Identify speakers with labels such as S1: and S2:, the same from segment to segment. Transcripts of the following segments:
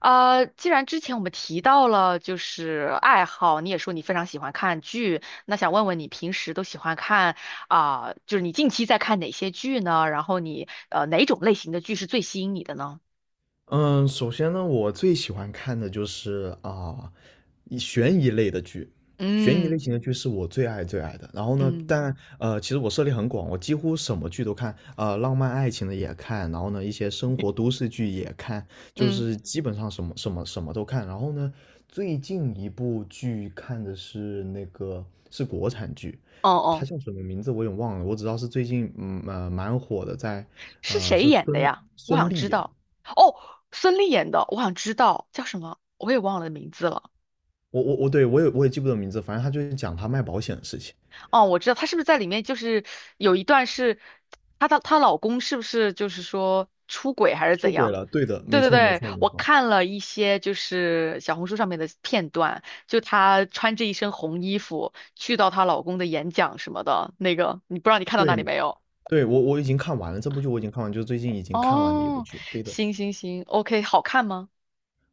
S1: 既然之前我们提到了就是爱好，你也说你非常喜欢看剧，那想问问你平时都喜欢看啊，就是你近期在看哪些剧呢？然后你哪种类型的剧是最吸引你的呢？
S2: 嗯，首先呢，我最喜欢看的就是啊，悬疑类的剧，悬疑
S1: 嗯
S2: 类型的剧是我最爱最爱的。然后呢，
S1: 嗯
S2: 但其实我涉猎很广，我几乎什么剧都看，浪漫爱情的也看，然后呢，一些生活都市剧也看，就
S1: 嗯，
S2: 是基本上什么都看。然后呢，最近一部剧看的是国产剧，
S1: 哦
S2: 它
S1: 哦，
S2: 叫什么名字我有点忘了，我只知道是最近蛮火的，
S1: 是谁
S2: 是
S1: 演的
S2: 孙
S1: 呀？我
S2: 孙
S1: 想
S2: 俪
S1: 知
S2: 演。
S1: 道。哦，孙俪演的，我想知道叫什么，我也忘了名字了。
S2: 我，对，我也记不得名字，反正他就是讲他卖保险的事情。
S1: 哦，我知道她是不是在里面就是有一段是她老公是不是就是说出轨还是
S2: 出
S1: 怎
S2: 轨
S1: 样？
S2: 了，对的，
S1: 对
S2: 没
S1: 对
S2: 错，没
S1: 对，
S2: 错，没
S1: 我
S2: 错，
S1: 看了一些就是小红书上面的片段，就她穿着一身红衣服去到她老公的演讲什么的，那个你不知道你看到那里
S2: 对，
S1: 没有？
S2: 对，我已经看完了这部剧，我已经看完，就是最近已经看完的一部
S1: 哦，
S2: 剧，对的。
S1: 行行行，OK，好看吗？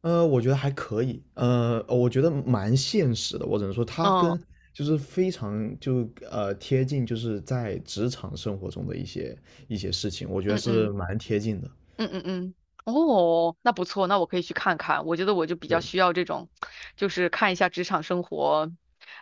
S2: 我觉得还可以，我觉得蛮现实的，我只能说它
S1: 嗯
S2: 跟就是非常贴近，就是在职场生活中的一些事情，我觉得
S1: 嗯
S2: 是
S1: 嗯
S2: 蛮贴近的，
S1: 嗯嗯嗯，哦，那不错，那我可以去看看。我觉得我就比较
S2: 对。
S1: 需要这种，就是看一下职场生活，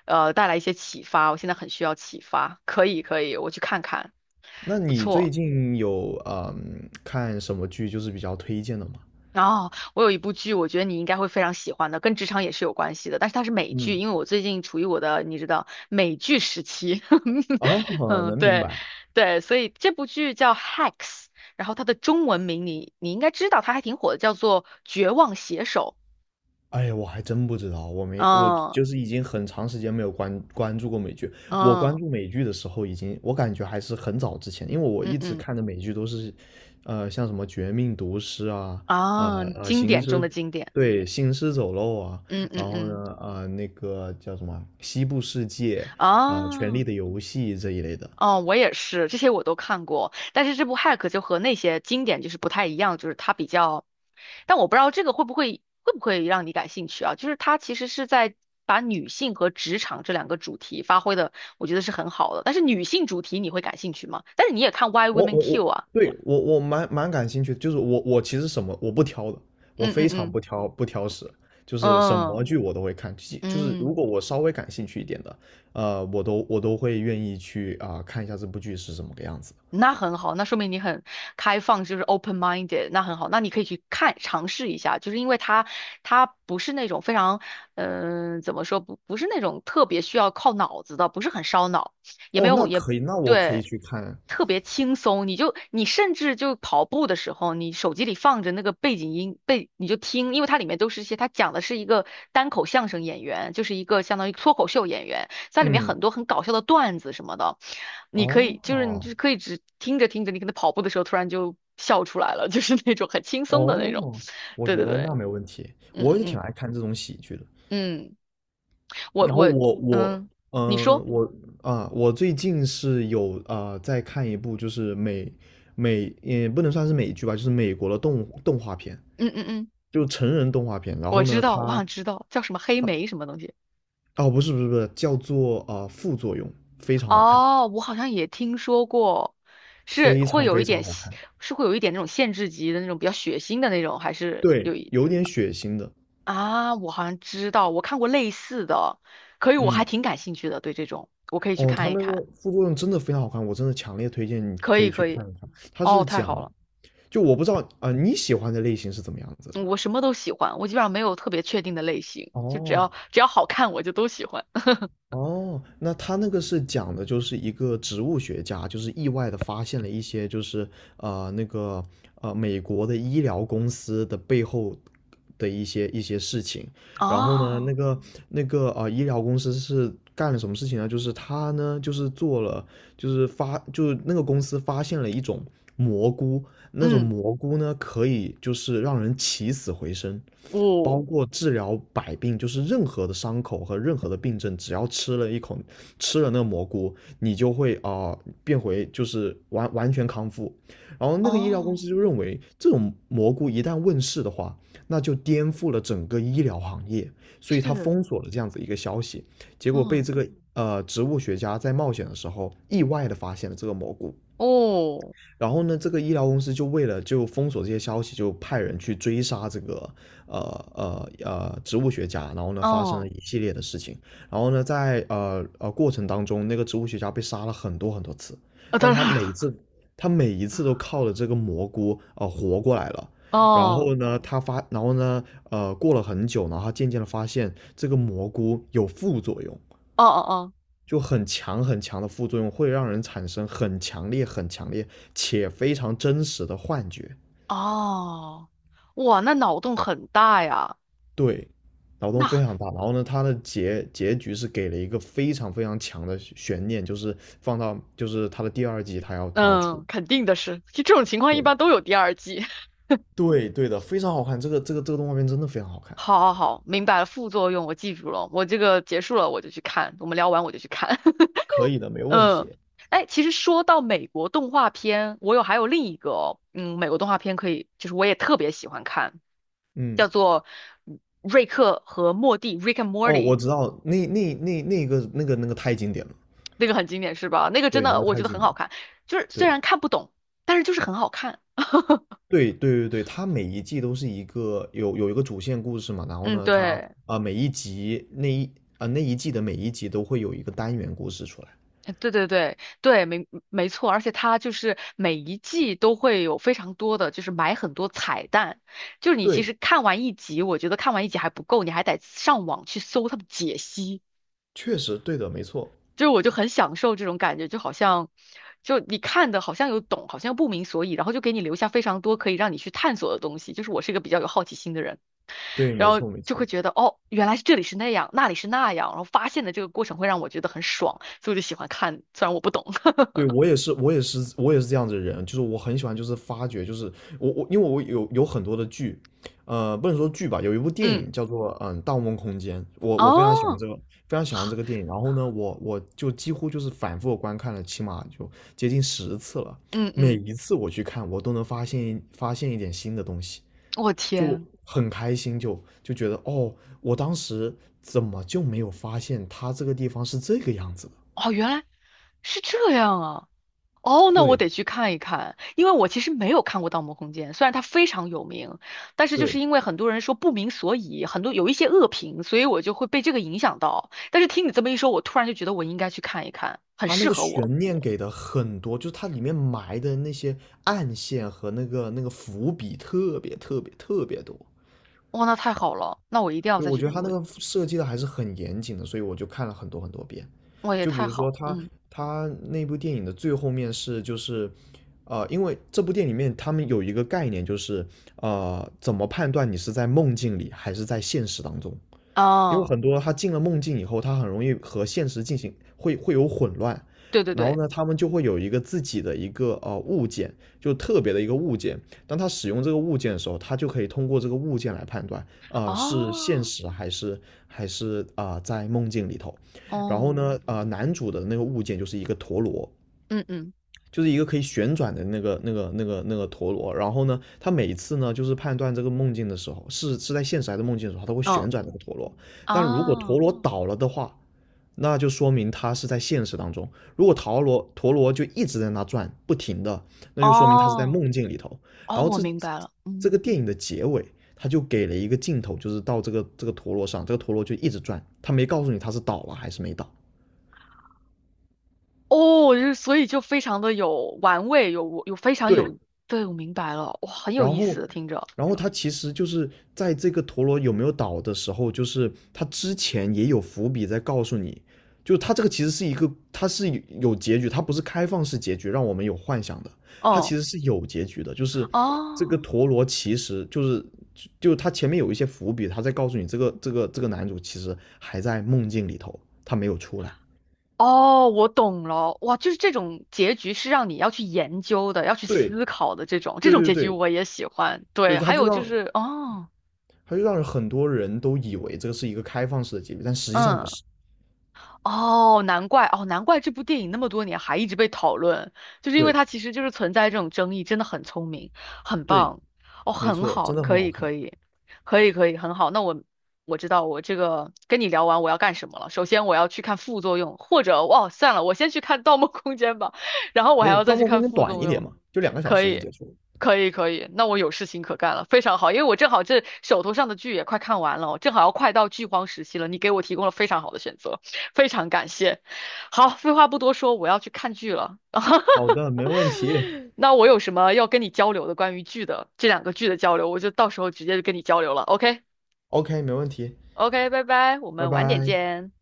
S1: 带来一些启发。我现在很需要启发，可以可以，我去看看，
S2: 那
S1: 不
S2: 你最
S1: 错。
S2: 近有看什么剧就是比较推荐的吗？
S1: 哦，我有一部剧，我觉得你应该会非常喜欢的，跟职场也是有关系的，但是它是美剧，
S2: 嗯，
S1: 因为我最近处于我的，你知道，美剧时期。
S2: 哦，
S1: 嗯，
S2: 能明
S1: 对，
S2: 白。
S1: 对，所以这部剧叫《Hacks》，然后它的中文名你应该知道，它还挺火的，叫做《绝望写手》。
S2: 哎呀，我还真不知道，我没，我
S1: 嗯
S2: 就是已经很长时间没有关注过美剧。我关
S1: 嗯
S2: 注美剧的时候，已经我感觉还是很早之前，因为我
S1: 嗯
S2: 一直
S1: 嗯
S2: 看的美剧都是，像什么《绝命毒师》啊，呃
S1: 啊，
S2: 呃，
S1: 经
S2: 行
S1: 典中
S2: 尸，
S1: 的经典。
S2: 对，行尸走肉啊，
S1: 嗯嗯
S2: 然后
S1: 嗯
S2: 呢，那个叫什么《西部世界》啊，《权力
S1: 啊。哦
S2: 的游戏》这一类的。
S1: 哦，我也是，这些我都看过，但是这部《Hack》就和那些经典就是不太一样，就是它比较，但我不知道这个会不会让你感兴趣啊？就是它其实是在把女性和职场这两个主题发挥的，我觉得是很好的。但是女性主题你会感兴趣吗？但是你也看《Why
S2: 我
S1: Women
S2: 我我，
S1: Kill》啊？
S2: 对，我蛮感兴趣的，就是我其实什么我不挑的，我
S1: 嗯嗯
S2: 非常
S1: 嗯
S2: 不挑食，就是什
S1: 嗯
S2: 么剧我都会看，就是如
S1: 嗯，
S2: 果我稍微感兴趣一点的，我都会愿意去看一下这部剧是什么个样子。
S1: 那很好，那说明你很开放，就是 open minded，那很好，那你可以去看尝试一下，就是因为它不是那种非常，怎么说不是那种特别需要靠脑子的，不是很烧脑，也没
S2: 哦，那
S1: 有也
S2: 可以，那我可以
S1: 对，
S2: 去看。
S1: 特别轻松，你甚至就跑步的时候，你手机里放着那个背景音背你就听，因为它里面都是一些它讲的是一个单口相声演员，就是一个相当于脱口秀演员。在里面很
S2: 嗯，
S1: 多很搞笑的段子什么的，你可以就是你
S2: 哦
S1: 就可以只听着，你可能跑步的时候突然就笑出来了，就是那种很轻松的那种。
S2: 哦，我
S1: 对
S2: 觉
S1: 对
S2: 得那
S1: 对，
S2: 没问题，我
S1: 嗯
S2: 也挺
S1: 嗯
S2: 爱看这种喜剧的。
S1: 嗯嗯，我
S2: 然后
S1: 我嗯，
S2: 嗯、
S1: 你
S2: 呃
S1: 说，
S2: 我我最近是有在看一部就是美也不能算是美剧吧，就是美国的动画片，
S1: 嗯嗯嗯，
S2: 就成人动画片。然
S1: 我
S2: 后
S1: 知
S2: 呢，
S1: 道，我想知道叫什么黑莓什么东西。
S2: 哦，不是，不是，不是，叫做呃副作用，非常好看，
S1: 哦，我好像也听说过，是
S2: 非
S1: 会
S2: 常
S1: 有
S2: 非
S1: 一
S2: 常
S1: 点，
S2: 好看。
S1: 是会有一点那种限制级的那种比较血腥的那种，还是
S2: 对，
S1: 有一。
S2: 有点血腥的，
S1: 啊，我好像知道，我看过类似的，可以，我还
S2: 嗯。
S1: 挺感兴趣的，对这种，我可以去
S2: 哦，它
S1: 看一
S2: 那个
S1: 看，
S2: 副作用真的非常好看，我真的强烈推荐你
S1: 可
S2: 可
S1: 以，
S2: 以去
S1: 可以，
S2: 看一看。它
S1: 哦，
S2: 是
S1: 太
S2: 讲，
S1: 好了，
S2: 就我不知道你喜欢的类型是怎么样子的
S1: 嗯
S2: 呢。
S1: 我什么都喜欢，我基本上没有特别确定的类型，只
S2: 哦，
S1: 要只要好看我就都喜欢。
S2: 哦，那他那个是讲的就是一个植物学家，就是意外的发现了一些就是呃那个美国的医疗公司的背后的一些事情。然后呢，那
S1: 哦，
S2: 个那个呃医疗公司是干了什么事情呢？就是他呢就是做了就是发就是那个公司发现了一种蘑菇，那种
S1: 嗯，
S2: 蘑菇呢，可以就是让人起死回生，包
S1: 哦，
S2: 括治疗百病，就是任何的伤口和任何的病症，只要吃了一口，吃了那个蘑菇，你就会变回就是完全康复。然后那个医疗公
S1: 哦，
S2: 司就认为，这种蘑菇一旦问世的话，那就颠覆了整个医疗行业，所以他
S1: 是，
S2: 封锁了这样子一个消息，结果被
S1: 嗯，
S2: 这个植物学家在冒险的时候意外的发现了这个蘑菇，
S1: 哦，
S2: 然后呢，这个医疗公司就为了就封锁这些消息，就派人去追杀这个呃植物学家，然后呢发生了
S1: 哦，
S2: 一系列的事情，然后呢在过程当中，那个植物学家被杀了很多很多次，
S1: 啊，
S2: 但
S1: 当然了，
S2: 他每一次都靠着这个蘑菇活过来了。然
S1: 哦，
S2: 后呢，然后呢，过了很久，然后他渐渐的发现这个蘑菇有副作用，
S1: 哦哦
S2: 就很强很强的副作用，会让人产生很强烈、很强烈且非常真实的幻觉，
S1: 哦，哦，哇，那脑洞很大呀，
S2: 对，脑洞
S1: 那，
S2: 非常大。然后呢，它的结局是给了一个非常非常强的悬念，就是放到就是它的第二季，它要出。
S1: 嗯，肯定的是，就这种情况一般
S2: 对，
S1: 都有第二季。
S2: 对，对的，非常好看，这个动画片真的非常好看。
S1: 好好好，明白了，副作用我记住了，我这个结束了我就去看，我们聊完我就去看。
S2: 可以的，没问
S1: 嗯，
S2: 题。
S1: 哎，其实说到美国动画片，我有还有另一个哦，嗯，美国动画片可以，就是我也特别喜欢看，
S2: 嗯，
S1: 叫做瑞克和莫蒂》（Rick and
S2: 哦，我
S1: Morty），
S2: 知道，那个太经典了，
S1: 那个很经典是吧？那个真
S2: 对，那
S1: 的
S2: 个
S1: 我觉
S2: 太
S1: 得
S2: 经
S1: 很
S2: 典
S1: 好
S2: 了。
S1: 看，就是虽
S2: 对，
S1: 然看不懂，但是就是很好看。
S2: 对，对，对，对，它每一季都是一个有一个主线故事嘛，然后
S1: 嗯，
S2: 呢，它
S1: 对。
S2: 每一集那一啊、那一季的每一集都会有一个单元故事出来。
S1: 对对对对，没没错，而且它就是每一季都会有非常多的，就是埋很多彩蛋。就是你其
S2: 对，
S1: 实看完一集，我觉得看完一集还不够，你还得上网去搜他的解析。
S2: 确实对的，没错，
S1: 就是我就很享受这种感觉，就好像就你看的好像有懂，好像又不明所以，然后就给你留下非常多可以让你去探索的东西。就是我是一个比较有好奇心的人，
S2: 对，
S1: 然
S2: 没
S1: 后
S2: 错，没
S1: 就会
S2: 错。
S1: 觉得哦，原来是这里是那样，那里是那样，然后发现的这个过程会让我觉得很爽，所以我就喜欢看，虽然我不懂，
S2: 对，我也是，我也是，我也是这样子的人，就是我很喜欢，就是发掘，就是因为我有很多的剧，不能说剧吧，有一部 电
S1: 嗯。
S2: 影叫做《盗梦空间》，我非常喜欢
S1: 哦，
S2: 这个，非常喜欢这个电影。然后呢，我就几乎就是反复地观看了，起码就接近10次了。
S1: 嗯
S2: 每
S1: 嗯，
S2: 一次我去看，我都能发现一点新的东西，
S1: 我
S2: 就
S1: 天，
S2: 很开心，就觉得哦，我当时怎么就没有发现它这个地方是这个样子的？
S1: 哦，原来是这样啊！哦，那我
S2: 对，
S1: 得去看一看，因为我其实没有看过《盗梦空间》，虽然它非常有名，但是就是
S2: 对。
S1: 因为很多人说不明所以，很多有一些恶评，所以我就会被这个影响到。但是听你这么一说，我突然就觉得我应该去看一看，很
S2: 它那
S1: 适
S2: 个
S1: 合我。
S2: 悬念给的很多，就是它里面埋的那些暗线和那个伏笔特别特别特别多。
S1: 哇，那太好了，那我一定要
S2: 就
S1: 再
S2: 我
S1: 去，
S2: 觉得他那
S1: 我
S2: 个设计的还是很严谨的，所以我就看了很多很多遍。
S1: 我也
S2: 就比
S1: 太
S2: 如
S1: 好，
S2: 说他
S1: 嗯，
S2: 他那部电影的最后面是就是，因为这部电影里面他们有一个概念，就是怎么判断你是在梦境里还是在现实当中？因为
S1: 啊，
S2: 很多他进了梦境以后，他很容易和现实进行会会有混乱，
S1: 对对
S2: 然后
S1: 对，
S2: 呢，他们就会有一个自己的一个物件，就特别的一个物件。当他使用这个物件的时候，他就可以通过这个物件来判断，是现
S1: 啊，
S2: 实还是在梦境里头。然后
S1: 哦，
S2: 呢，男主的那个物件就是一个陀螺，
S1: 嗯嗯
S2: 就是一个可以旋转的那个陀螺。然后呢，他每次呢就是判断这个梦境的时候，是在现实还是梦境的时候，他会旋
S1: 嗯，
S2: 转那个陀螺。
S1: 啊，
S2: 但如果陀
S1: 哦。
S2: 螺倒了的话，那就说明他是在现实当中。如果陀螺就一直在那转，不停的，那就说明他是在
S1: 哦
S2: 梦境里头。然
S1: 哦，
S2: 后
S1: 我
S2: 这
S1: 明白了，
S2: 这个
S1: 嗯，
S2: 电影的结尾，他就给了一个镜头，就是到这个陀螺上，这个陀螺就一直转，他没告诉你他是倒了还是没倒。
S1: 哦，就是所以就非常的有玩味，有非常
S2: 对，
S1: 有，对，我明白了，哇，很有
S2: 然
S1: 意
S2: 后，
S1: 思，听着，
S2: 然后，他其实就是在这个陀螺有没有倒的时候，就是他之前也有伏笔在告诉你，就他这个其实是一个，它是有结局，它不是开放式结局，让我们有幻想的，它
S1: 嗯，
S2: 其实是有结局的，就是这个
S1: 哦，
S2: 陀螺其实就是就他前面有一些伏笔，他在告诉你这个男主其实还在梦境里头，他没有出来。
S1: 哦，我懂了，哇，就是这种结局是让你要去研究的，要去
S2: 对，
S1: 思考的这种，这
S2: 对，
S1: 种
S2: 对，
S1: 结局
S2: 对，
S1: 我也喜欢，对，
S2: 对，他
S1: 还
S2: 就
S1: 有就
S2: 让
S1: 是，哦，
S2: 他就让很多人都以为这个是一个开放式的结局，但实际上不
S1: 嗯。
S2: 是。
S1: 哦，难怪哦，难怪这部电影那么多年还一直被讨论，就是因为
S2: 对，
S1: 它其实就是存在这种争议，真的很聪明，很
S2: 对，
S1: 棒，哦，
S2: 没
S1: 很
S2: 错，真
S1: 好，
S2: 的很
S1: 可
S2: 好
S1: 以，
S2: 看。
S1: 可以，可以，可以，很好。那我知道我这个跟你聊完我要干什么了。首先我要去看副作用，或者哇，算了，我先去看《盗梦空间》吧，然后我
S2: 可
S1: 还
S2: 以，
S1: 要再
S2: 《盗
S1: 去
S2: 梦空
S1: 看
S2: 间》
S1: 副
S2: 短
S1: 作
S2: 一点
S1: 用。
S2: 嘛，就两个小
S1: 可
S2: 时就
S1: 以，
S2: 结束了。
S1: 可以，可以。那我有事情可干了，非常好，因为我正好这手头上的剧也快看完了，正好要快到剧荒时期了。你给我提供了非常好的选择，非常感谢。好，废话不多说，我要去看剧了。
S2: 好的，没问题。
S1: 那我有什么要跟你交流的关于剧的这两个剧的交流，我就到时候直接就跟你交流了。OK，OK，
S2: OK，没问题。
S1: 拜拜，我
S2: 拜
S1: 们晚点
S2: 拜。
S1: 见。